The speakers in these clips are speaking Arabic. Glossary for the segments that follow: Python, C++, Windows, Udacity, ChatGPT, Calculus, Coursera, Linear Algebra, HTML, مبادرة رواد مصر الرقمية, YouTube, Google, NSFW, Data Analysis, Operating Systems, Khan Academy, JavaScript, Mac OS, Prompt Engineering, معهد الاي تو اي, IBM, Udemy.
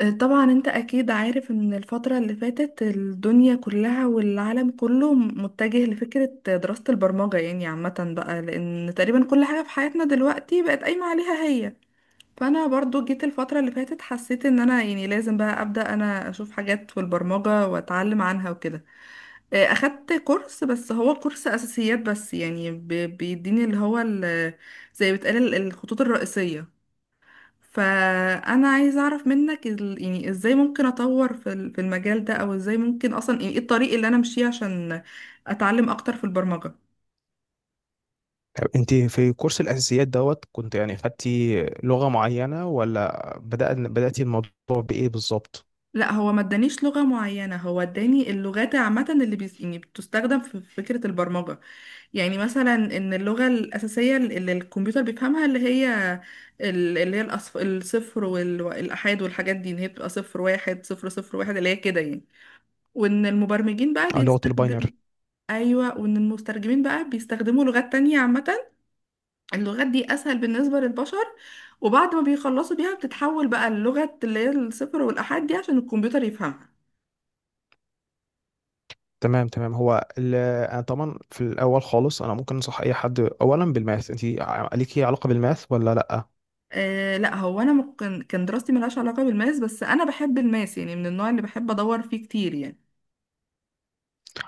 طبعا انت اكيد عارف ان الفترة اللي فاتت الدنيا كلها والعالم كله متجه لفكرة دراسة البرمجة، يعني عامة بقى، لان تقريبا كل حاجة في حياتنا دلوقتي بقت قايمة عليها هي. فانا برضو جيت الفترة اللي فاتت، حسيت ان انا يعني لازم بقى ابدأ انا اشوف حاجات في البرمجة واتعلم عنها وكده. اه، اخدت كورس، بس هو كورس اساسيات بس، يعني بيديني اللي هو زي بتقال الخطوط الرئيسية. فانا عايزه اعرف منك يعني ازاي ممكن اطور في في المجال ده، او ازاي ممكن اصلا، يعني ايه الطريق اللي انا امشيه عشان اتعلم اكتر في البرمجه. طب انت في كورس الاساسيات دوت كنت يعني خدتي لغه معينه، ولا بدأتي الموضوع بايه بالظبط؟ لا، هو ما ادانيش لغه معينه، هو اداني اللغات عامه اللي يعني بتستخدم في فكره البرمجه. يعني مثلا ان اللغه الاساسيه اللي الكمبيوتر بيفهمها، اللي هي اللي هي الصفر والآحاد والحاجات دي، ان هي بتبقى صفر واحد صفر صفر واحد اللي هي كده يعني. وان المبرمجين بقى اه، لغه الباينر. بيستخدم. ايوه، وان المترجمين بقى بيستخدموا لغات تانية عامة. اللغات دي اسهل بالنسبة للبشر، وبعد ما بيخلصوا بيها بتتحول بقى اللغة اللي هي الصفر والآحاد دي عشان الكمبيوتر يفهمها. تمام تمام. انا طبعا في الاول خالص، انا ممكن انصح اي حد اولا بالماث. انت ليكي علاقه بالماث ولا لا؟ آه لا، هو انا ممكن كان دراستي ملهاش علاقة بالماس، بس انا بحب الماس، يعني من النوع اللي بحب ادور فيه كتير يعني.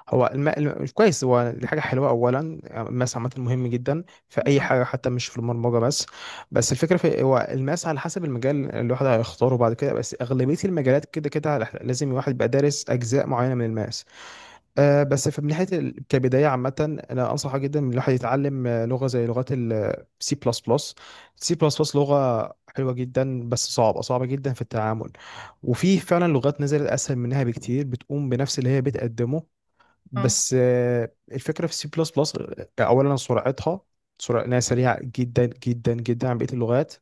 هو كويس، هو دي حاجه حلوه اولا. الماث عامه مهم جدا في اي اه، حاجه، حتى مش في البرمجه بس. بس الفكره في، هو الماث على حسب المجال اللي الواحد هيختاره بعد كده، بس اغلبيه المجالات كده كده لازم الواحد يبقى دارس اجزاء معينه من الماث. بس في، من ناحيه كبدايه عامه، انا انصحه جدا ان الواحد يتعلم لغه زي لغات السي بلس بلس. سي بلس بلس لغه حلوه جدا، بس صعبه صعبه جدا في التعامل، وفي فعلا لغات نزلت اسهل منها بكتير بتقوم بنفس اللي هي بتقدمه. اه. بس الفكره في سي بلس بلس، اولا سرعتها، سرعه إنها سريعه جدا جدا جدا عن بقيه اللغات.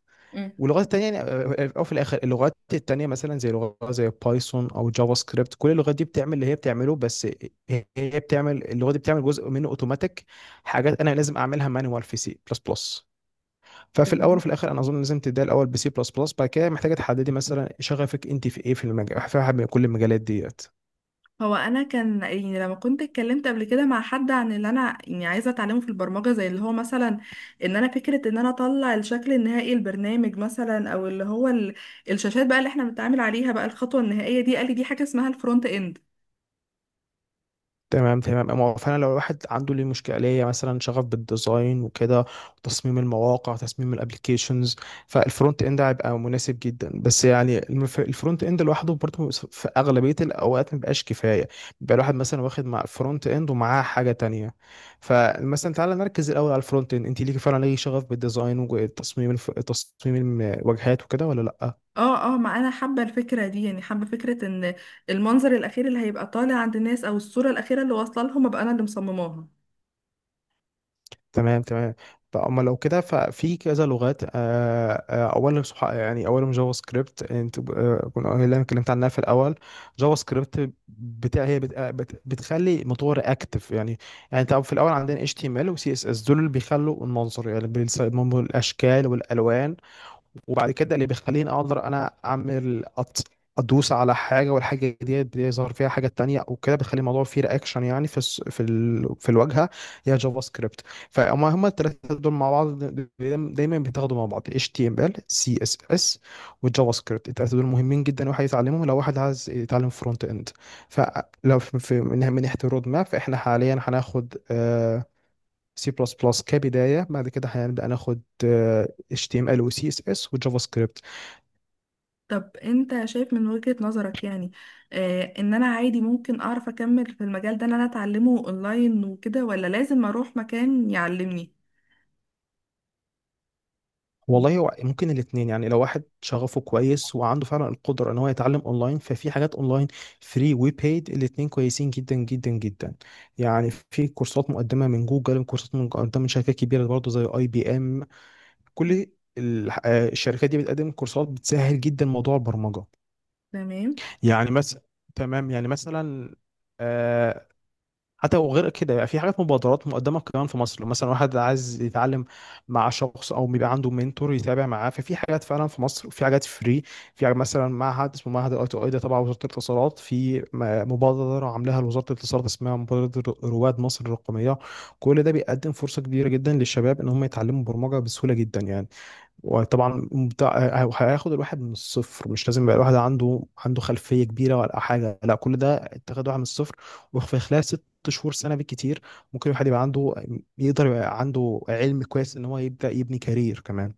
واللغات التانية، يعني او في الاخر، اللغات التانية مثلا زي لغة زي بايثون او جافا سكريبت، كل اللغات دي بتعمل اللي هي بتعمله، بس هي هي بتعمل اللغة دي بتعمل جزء منه اوتوماتيك، حاجات انا لازم اعملها مانوال في سي بلس بلس. ففي الاول مم. وفي الاخر انا اظن لازم تبدأ الاول بسي بلس بلس، بعد كده محتاجة تحددي مثلا شغفك انت في ايه، في المجال، في واحد من كل المجالات ديت. هو انا كان يعني لما كنت اتكلمت قبل كده مع حد عن اللي انا يعني عايزه اتعلمه في البرمجه، زي اللي هو مثلا ان انا فكره ان انا اطلع الشكل النهائي البرنامج مثلا، او اللي هو الشاشات بقى اللي احنا بنتعامل عليها بقى الخطوه النهائيه دي، قال لي دي حاجه اسمها الفرونت اند. تمام تمام. أما هو فعلا لو الواحد عنده ليه مشكله، ليه مثلا شغف بالديزاين وكده، وتصميم المواقع، تصميم الابلكيشنز، فالفرونت اند هيبقى مناسب جدا. بس يعني الفرونت اند لوحده برضه في اغلبيه الاوقات ما بيبقاش كفايه. بيبقى الواحد مثلا واخد مع الفرونت اند ومعاه حاجه تانية. فمثلا تعالى نركز الاول على الفرونت اند. انت ليكي فعلا ليه شغف بالديزاين وتصميم تصميم الواجهات وكده ولا لا؟ اه، اه، ما انا حابه الفكره دي، يعني حابه فكره ان المنظر الاخير اللي هيبقى طالع عند الناس او الصوره الاخيره اللي واصله لهم ابقى انا اللي مصمماها. تمام تمام. طب اما لو كده ففي كذا لغات. اولا صح، يعني اولهم جافا سكريبت. انت كنا اللي انا اتكلمت عنها في الاول، جافا سكريبت. بتاع هي بت آه، بت- بتخلي موتور اكتف يعني. يعني طب في الاول عندنا اتش تي ام ال وسي اس اس، دول اللي بيخلوا المنظر يعني، بيصمموا الاشكال والالوان. وبعد كده اللي بيخليني اقدر انا اعمل ادوس على حاجه والحاجه دي بيظهر فيها حاجه تانية وكده، بيخلي الموضوع فيه رياكشن يعني في في الواجهه، يا جافا سكريبت. فهم هم الثلاثه دول مع بعض دايما دايماً بيتاخدوا مع بعض، HTML CSS والجافا سكريبت. الثلاثه دول مهمين جدا واحد يتعلمهم لو واحد عايز يتعلم فرونت اند. فلو من ناحيه الرود ماب، فاحنا حاليا هناخد سي بلس بلس كبدايه، بعد كده هنبدا ناخد اتش تي ام ال وسي اس اس وجافا سكريبت. طب انت شايف من وجهة نظرك، يعني ان انا عادي ممكن اعرف اكمل في المجال ده ان انا اتعلمه اونلاين وكده، ولا لازم اروح مكان يعلمني؟ والله هو ممكن الاثنين يعني. لو واحد شغفه كويس وعنده فعلا القدره ان هو يتعلم اونلاين، ففي حاجات اونلاين فري وبيد، الاثنين كويسين جدا جدا جدا. يعني في كورسات مقدمه من جوجل، كورسات مقدمه من شركات كبيره برضه زي اي بي ام. كل الشركات دي بتقدم كورسات بتسهل جدا موضوع البرمجه. تمام، يعني مثلا، تمام يعني مثلا، آه، حتى وغير كده، يعني في حاجات مبادرات مقدمه كمان في مصر لو مثلا واحد عايز يتعلم مع شخص او بيبقى عنده منتور يتابع معاه، ففي حاجات فعلا في مصر، في حاجات فري. في حاجة مثلا معهد اسمه معهد الاي تو اي، ده تبع وزاره الاتصالات، في مبادره عاملاها وزاره الاتصالات اسمها مبادره رواد مصر الرقميه. كل ده بيقدم فرصه كبيره جدا للشباب ان هم يتعلموا برمجه بسهوله جدا يعني. وطبعا هياخد الواحد من الصفر، مش لازم يبقى الواحد عنده خلفيه كبيره ولا حاجه، لا كل ده انت واحد من الصفر. وفي خلال ست شهور، سنه بالكتير، ممكن الواحد يبقى عنده، يقدر يبقى عنده علم كويس ان هو يبدا يبني كارير كمان.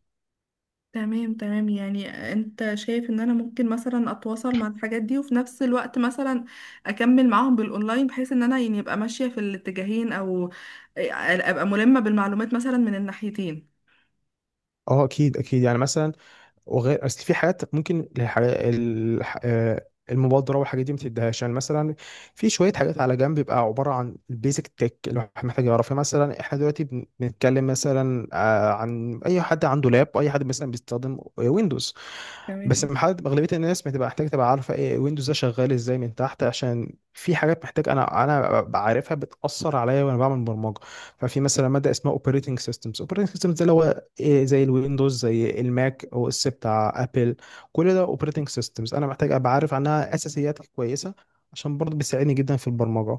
تمام، تمام. يعني انت شايف ان انا ممكن مثلا اتواصل مع الحاجات دي وفي نفس الوقت مثلا اكمل معاهم بالاونلاين، بحيث ان انا يعني ابقى ماشية في الاتجاهين، او آه، ابقى ملمة بالمعلومات مثلا من الناحيتين. اه اكيد اكيد. يعني مثلا، وغير اصل في حاجات ممكن الح... الح... آه، المبادره والحاجات دي ما تديهاش، يعني مثلا في شويه حاجات على جنب بيبقى عباره عن البيزك تك اللي الواحد محتاج يعرفها. مثلا احنا دلوقتي بنتكلم مثلا عن اي حد عنده لاب، اي حد مثلا بيستخدم ويندوز، بس تمام. محد اغلبيه الناس بتبقى محتاج تبقى عارفه ايه ويندوز ده شغال ازاي من تحت، عشان في حاجات محتاج انا بعرفها بتاثر عليا وانا بعمل برمجه. ففي مثلا ماده اسمها اوبريتنج سيستمز، اوبريتنج سيستمز ده اللي هو إيه، زي الويندوز، زي الماك او اس بتاع ابل، كل ده اوبريتنج سيستمز. انا محتاج ابقى عارف عنها اساسيات كويسه عشان برضه بيساعدني جدا في البرمجه.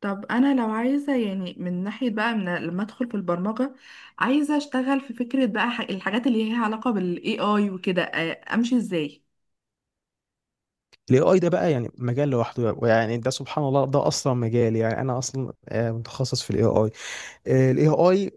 طب انا لو عايزه يعني من ناحيه بقى، من لما ادخل في البرمجه عايزه اشتغل في فكره بقى الحاجات اللي هي علاقه بالاي اي وكده، امشي ازاي؟ الاي اي ده بقى يعني مجال لوحده يعني، ده سبحان الله ده اصلا مجال، يعني انا اصلا متخصص في الاي اي. الاي اي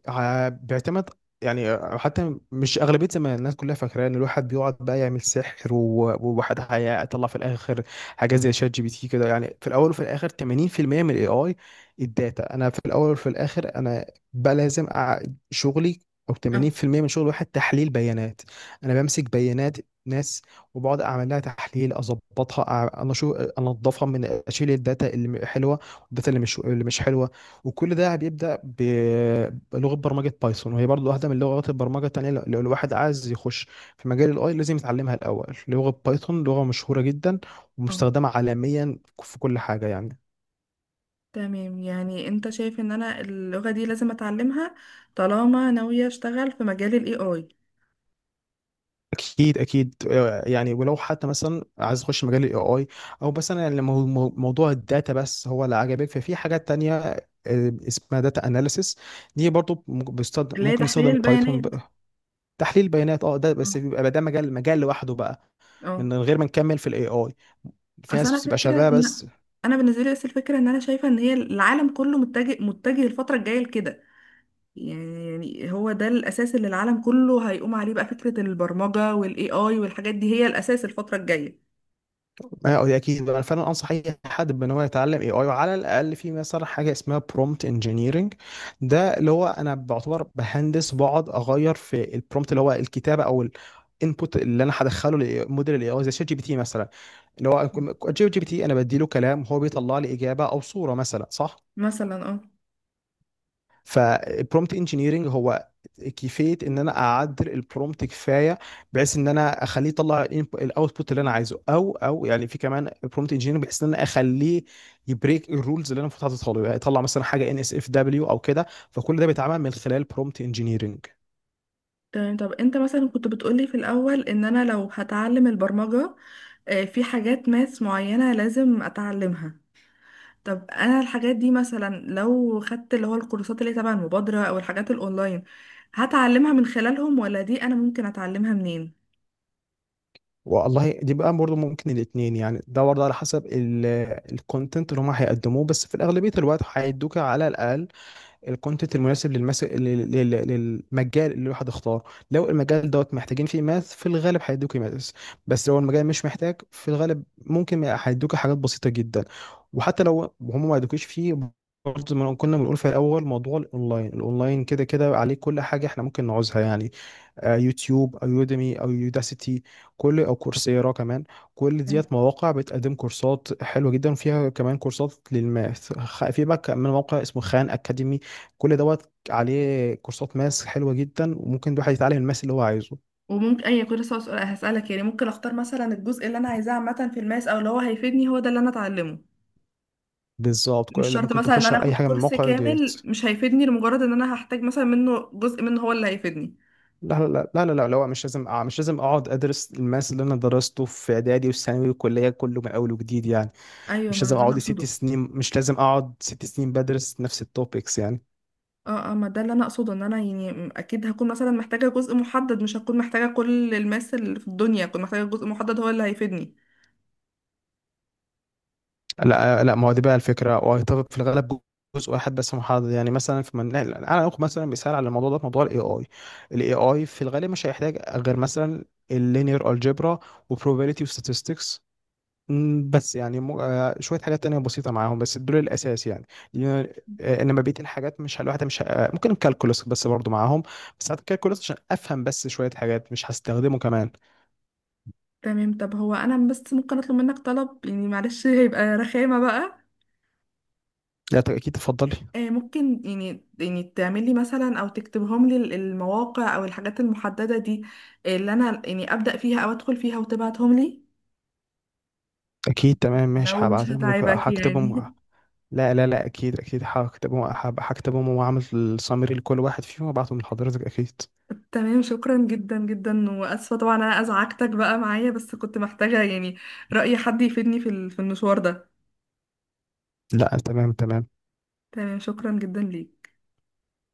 بيعتمد، يعني حتى مش اغلبيه زمان الناس كلها فاكره ان الواحد بيقعد بقى يعمل سحر وواحد هيطلع في الاخر حاجات زي شات جي بي تي كده يعني. في الاول وفي الاخر 80% من الاي اي الداتا. انا في الاول وفي الاخر انا بقى لازم شغلي، او اه، 80% من شغل واحد تحليل بيانات. انا بمسك بيانات ناس، وبقعد اعمل لها تحليل، اظبطها، انا شو انضفها من، اشيل الداتا اللي حلوه والداتا اللي مش حلوه. وكل ده بيبدأ بلغة برمجة بايثون، وهي برضو واحدة من لغات البرمجة التانية. لو الواحد عايز يخش في مجال الاي لازم يتعلمها الأول. لغة بايثون لغة مشهورة جدا اه. ومستخدمة عالميا في كل حاجة يعني. تمام، يعني انت شايف ان انا اللغه دي لازم اتعلمها طالما ناويه اشتغل في مجال الاي اي؟ اكيد اكيد. يعني ولو حتى مثلا عايز تخش مجال الاي اي، او مثلا يعني موضوع الداتا بس هو اللي عجبك، ففي حاجات تانية اسمها داتا اناليسيس. دي برضو اللي هي ممكن تحليل يستخدم بايثون. البيانات. تحليل بيانات، اه، ده بس اه. بيبقى بقى ده مجال لوحده بقى، آه. من غير ما نكمل في الاي اي. في اصل ناس انا بتبقى فكره شغاله ان بس. انا بالنسبه لي، بس الفكره ان انا شايفه ان هي العالم كله متجه الفتره الجايه لكده، يعني هو ده الأساس اللي العالم كله هيقوم عليه بقى، فكرة البرمجة والاي اي والحاجات دي هي الأساس الفترة الجاية. ما هو اكيد انا فعلا انصح اي حد بان هو يتعلم اي اي، وعلى الاقل في مثلا حاجه اسمها برومت انجينيرنج. ده اللي هو انا بعتبر بهندس بقعد اغير في البرومت، اللي هو الكتابه او الانبوت اللي انا هدخله لموديل الاي اي زي شات جي بي تي مثلا، اللي هو جي بي تي انا بدي له كلام هو بيطلع لي اجابه او صوره مثلا، صح؟ مثلا اه. فالبرومت انجينيرنج هو كيفيه ان انا اعدل البرومت كفايه بحيث ان انا اخليه يطلع الاوتبوت اللي انا عايزه. او او يعني في كمان برومت انجينيرنج بحيث ان انا اخليه يبريك الرولز اللي انا المفروض حاططها له، يعني يطلع مثلا حاجه ان اس اف دبليو او كده. فكل ده بيتعمل من خلال برومت انجينيرنج. تمام. طب انت مثلا كنت بتقولي في الأول ان انا لو هتعلم البرمجة، في حاجات ماس معينة لازم اتعلمها. طب انا الحاجات دي مثلا لو خدت اللي هو الكورسات اللي تبع المبادرة او الحاجات الاونلاين هتعلمها من خلالهم، ولا دي انا ممكن اتعلمها منين؟ والله دي بقى برضه ممكن الاثنين يعني. ده برضه على حسب الكونتنت اللي هم هيقدموه، بس في الاغلبيه الوقت هيدوك على الاقل الكونتنت المناسب للمجال اللي الواحد اختاره. لو المجال دوت محتاجين فيه ماث في الغالب هيدوك ماث، بس لو المجال مش محتاج في الغالب ممكن هيدوك حاجات بسيطة جدا. وحتى لو هم ما يدوكيش فيه، برضه زي ما كنا بنقول في الاول، موضوع الاونلاين، الاونلاين كده كده عليه كل حاجة احنا ممكن نعوزها يعني، يوتيوب او يوديمي او يوداسيتي، كل او كورسيرا كمان. كل ديت مواقع بتقدم كورسات حلوه جدا، وفيها كمان كورسات في بقى كمان موقع اسمه خان اكاديمي، كل دوت عليه كورسات ماس حلوه جدا وممكن الواحد يتعلم الماس اللي هو عايزه. وممكن اي كنت لسه هسألك، يعني ممكن اختار مثلا الجزء اللي انا عايزاه عامة في الماس او اللي هو هيفيدني هو ده اللي انا اتعلمه. بالظبط. مش شرط ممكن مثلا ان تخش انا على اي اخد حاجه من كورس المواقع ديت. كامل مش هيفيدني لمجرد ان انا هحتاج مثلا منه جزء منه هو اللي هيفيدني. لا لا لا لا لا لا لا، مش لازم. مش لازم اقعد ادرس الماس اللي انا درسته في اعدادي والثانوي والكليه كله من اول وجديد يعني. ايوه، مش ما لازم ده انا اقعد ست اقصده. سنين، مش لازم اقعد ست سنين بدرس نفس التوبكس يعني. اه، اه، ما ده اللي انا اقصده، ان انا يعني اكيد هكون مثلا محتاجة جزء محدد، مش هكون محتاجة كل الماس اللي في الدنيا، هكون محتاجة جزء محدد هو اللي هيفيدني. لا لا، ما هو دي بقى الفكره وهيتفق في الغالب جزء واحد بس محدد، يعني مثلا في انا اخد مثلا مثال على الموضوع ده، في موضوع الاي اي، الاي اي في الغالب مش هيحتاج غير مثلا اللينير الجبرا وبروبابيليتي وستاتستكس، بس يعني م... آه، شويه حاجات تانية بسيطه معاهم، بس دول الاساس يعني. انما بقيه الحاجات مش ه- الواحد مش ه- آه، ممكن الكالكولس بس برضو معاهم. بس هات الكالكولس عشان افهم بس، شويه حاجات مش هستخدمه كمان. تمام. طب هو انا بس ممكن اطلب منك طلب، يعني معلش هيبقى رخامة بقى. لا، اكيد تفضلي. ممكن يعني تعملي مثلا او تكتبهم لي المواقع او الحاجات المحددة دي، اللي انا يعني ابدأ فيها او ادخل فيها وتبعتهم لي؟ اكيد تمام ماشي، لو مش هبعت لك هتعبك يعني. هكتبهم. لا لا لا اكيد اكيد هكتبهم، هكتبهم واعمل السامري لكل واحد فيهم وابعتهم لحضرتك اكيد. تمام، شكرا جدا جدا، واسفة طبعا انا ازعجتك بقى معايا، بس كنت محتاجة يعني رأي حد يفيدني في في المشوار ده. لا تمام تمام. تمام شكرا جدا ليك.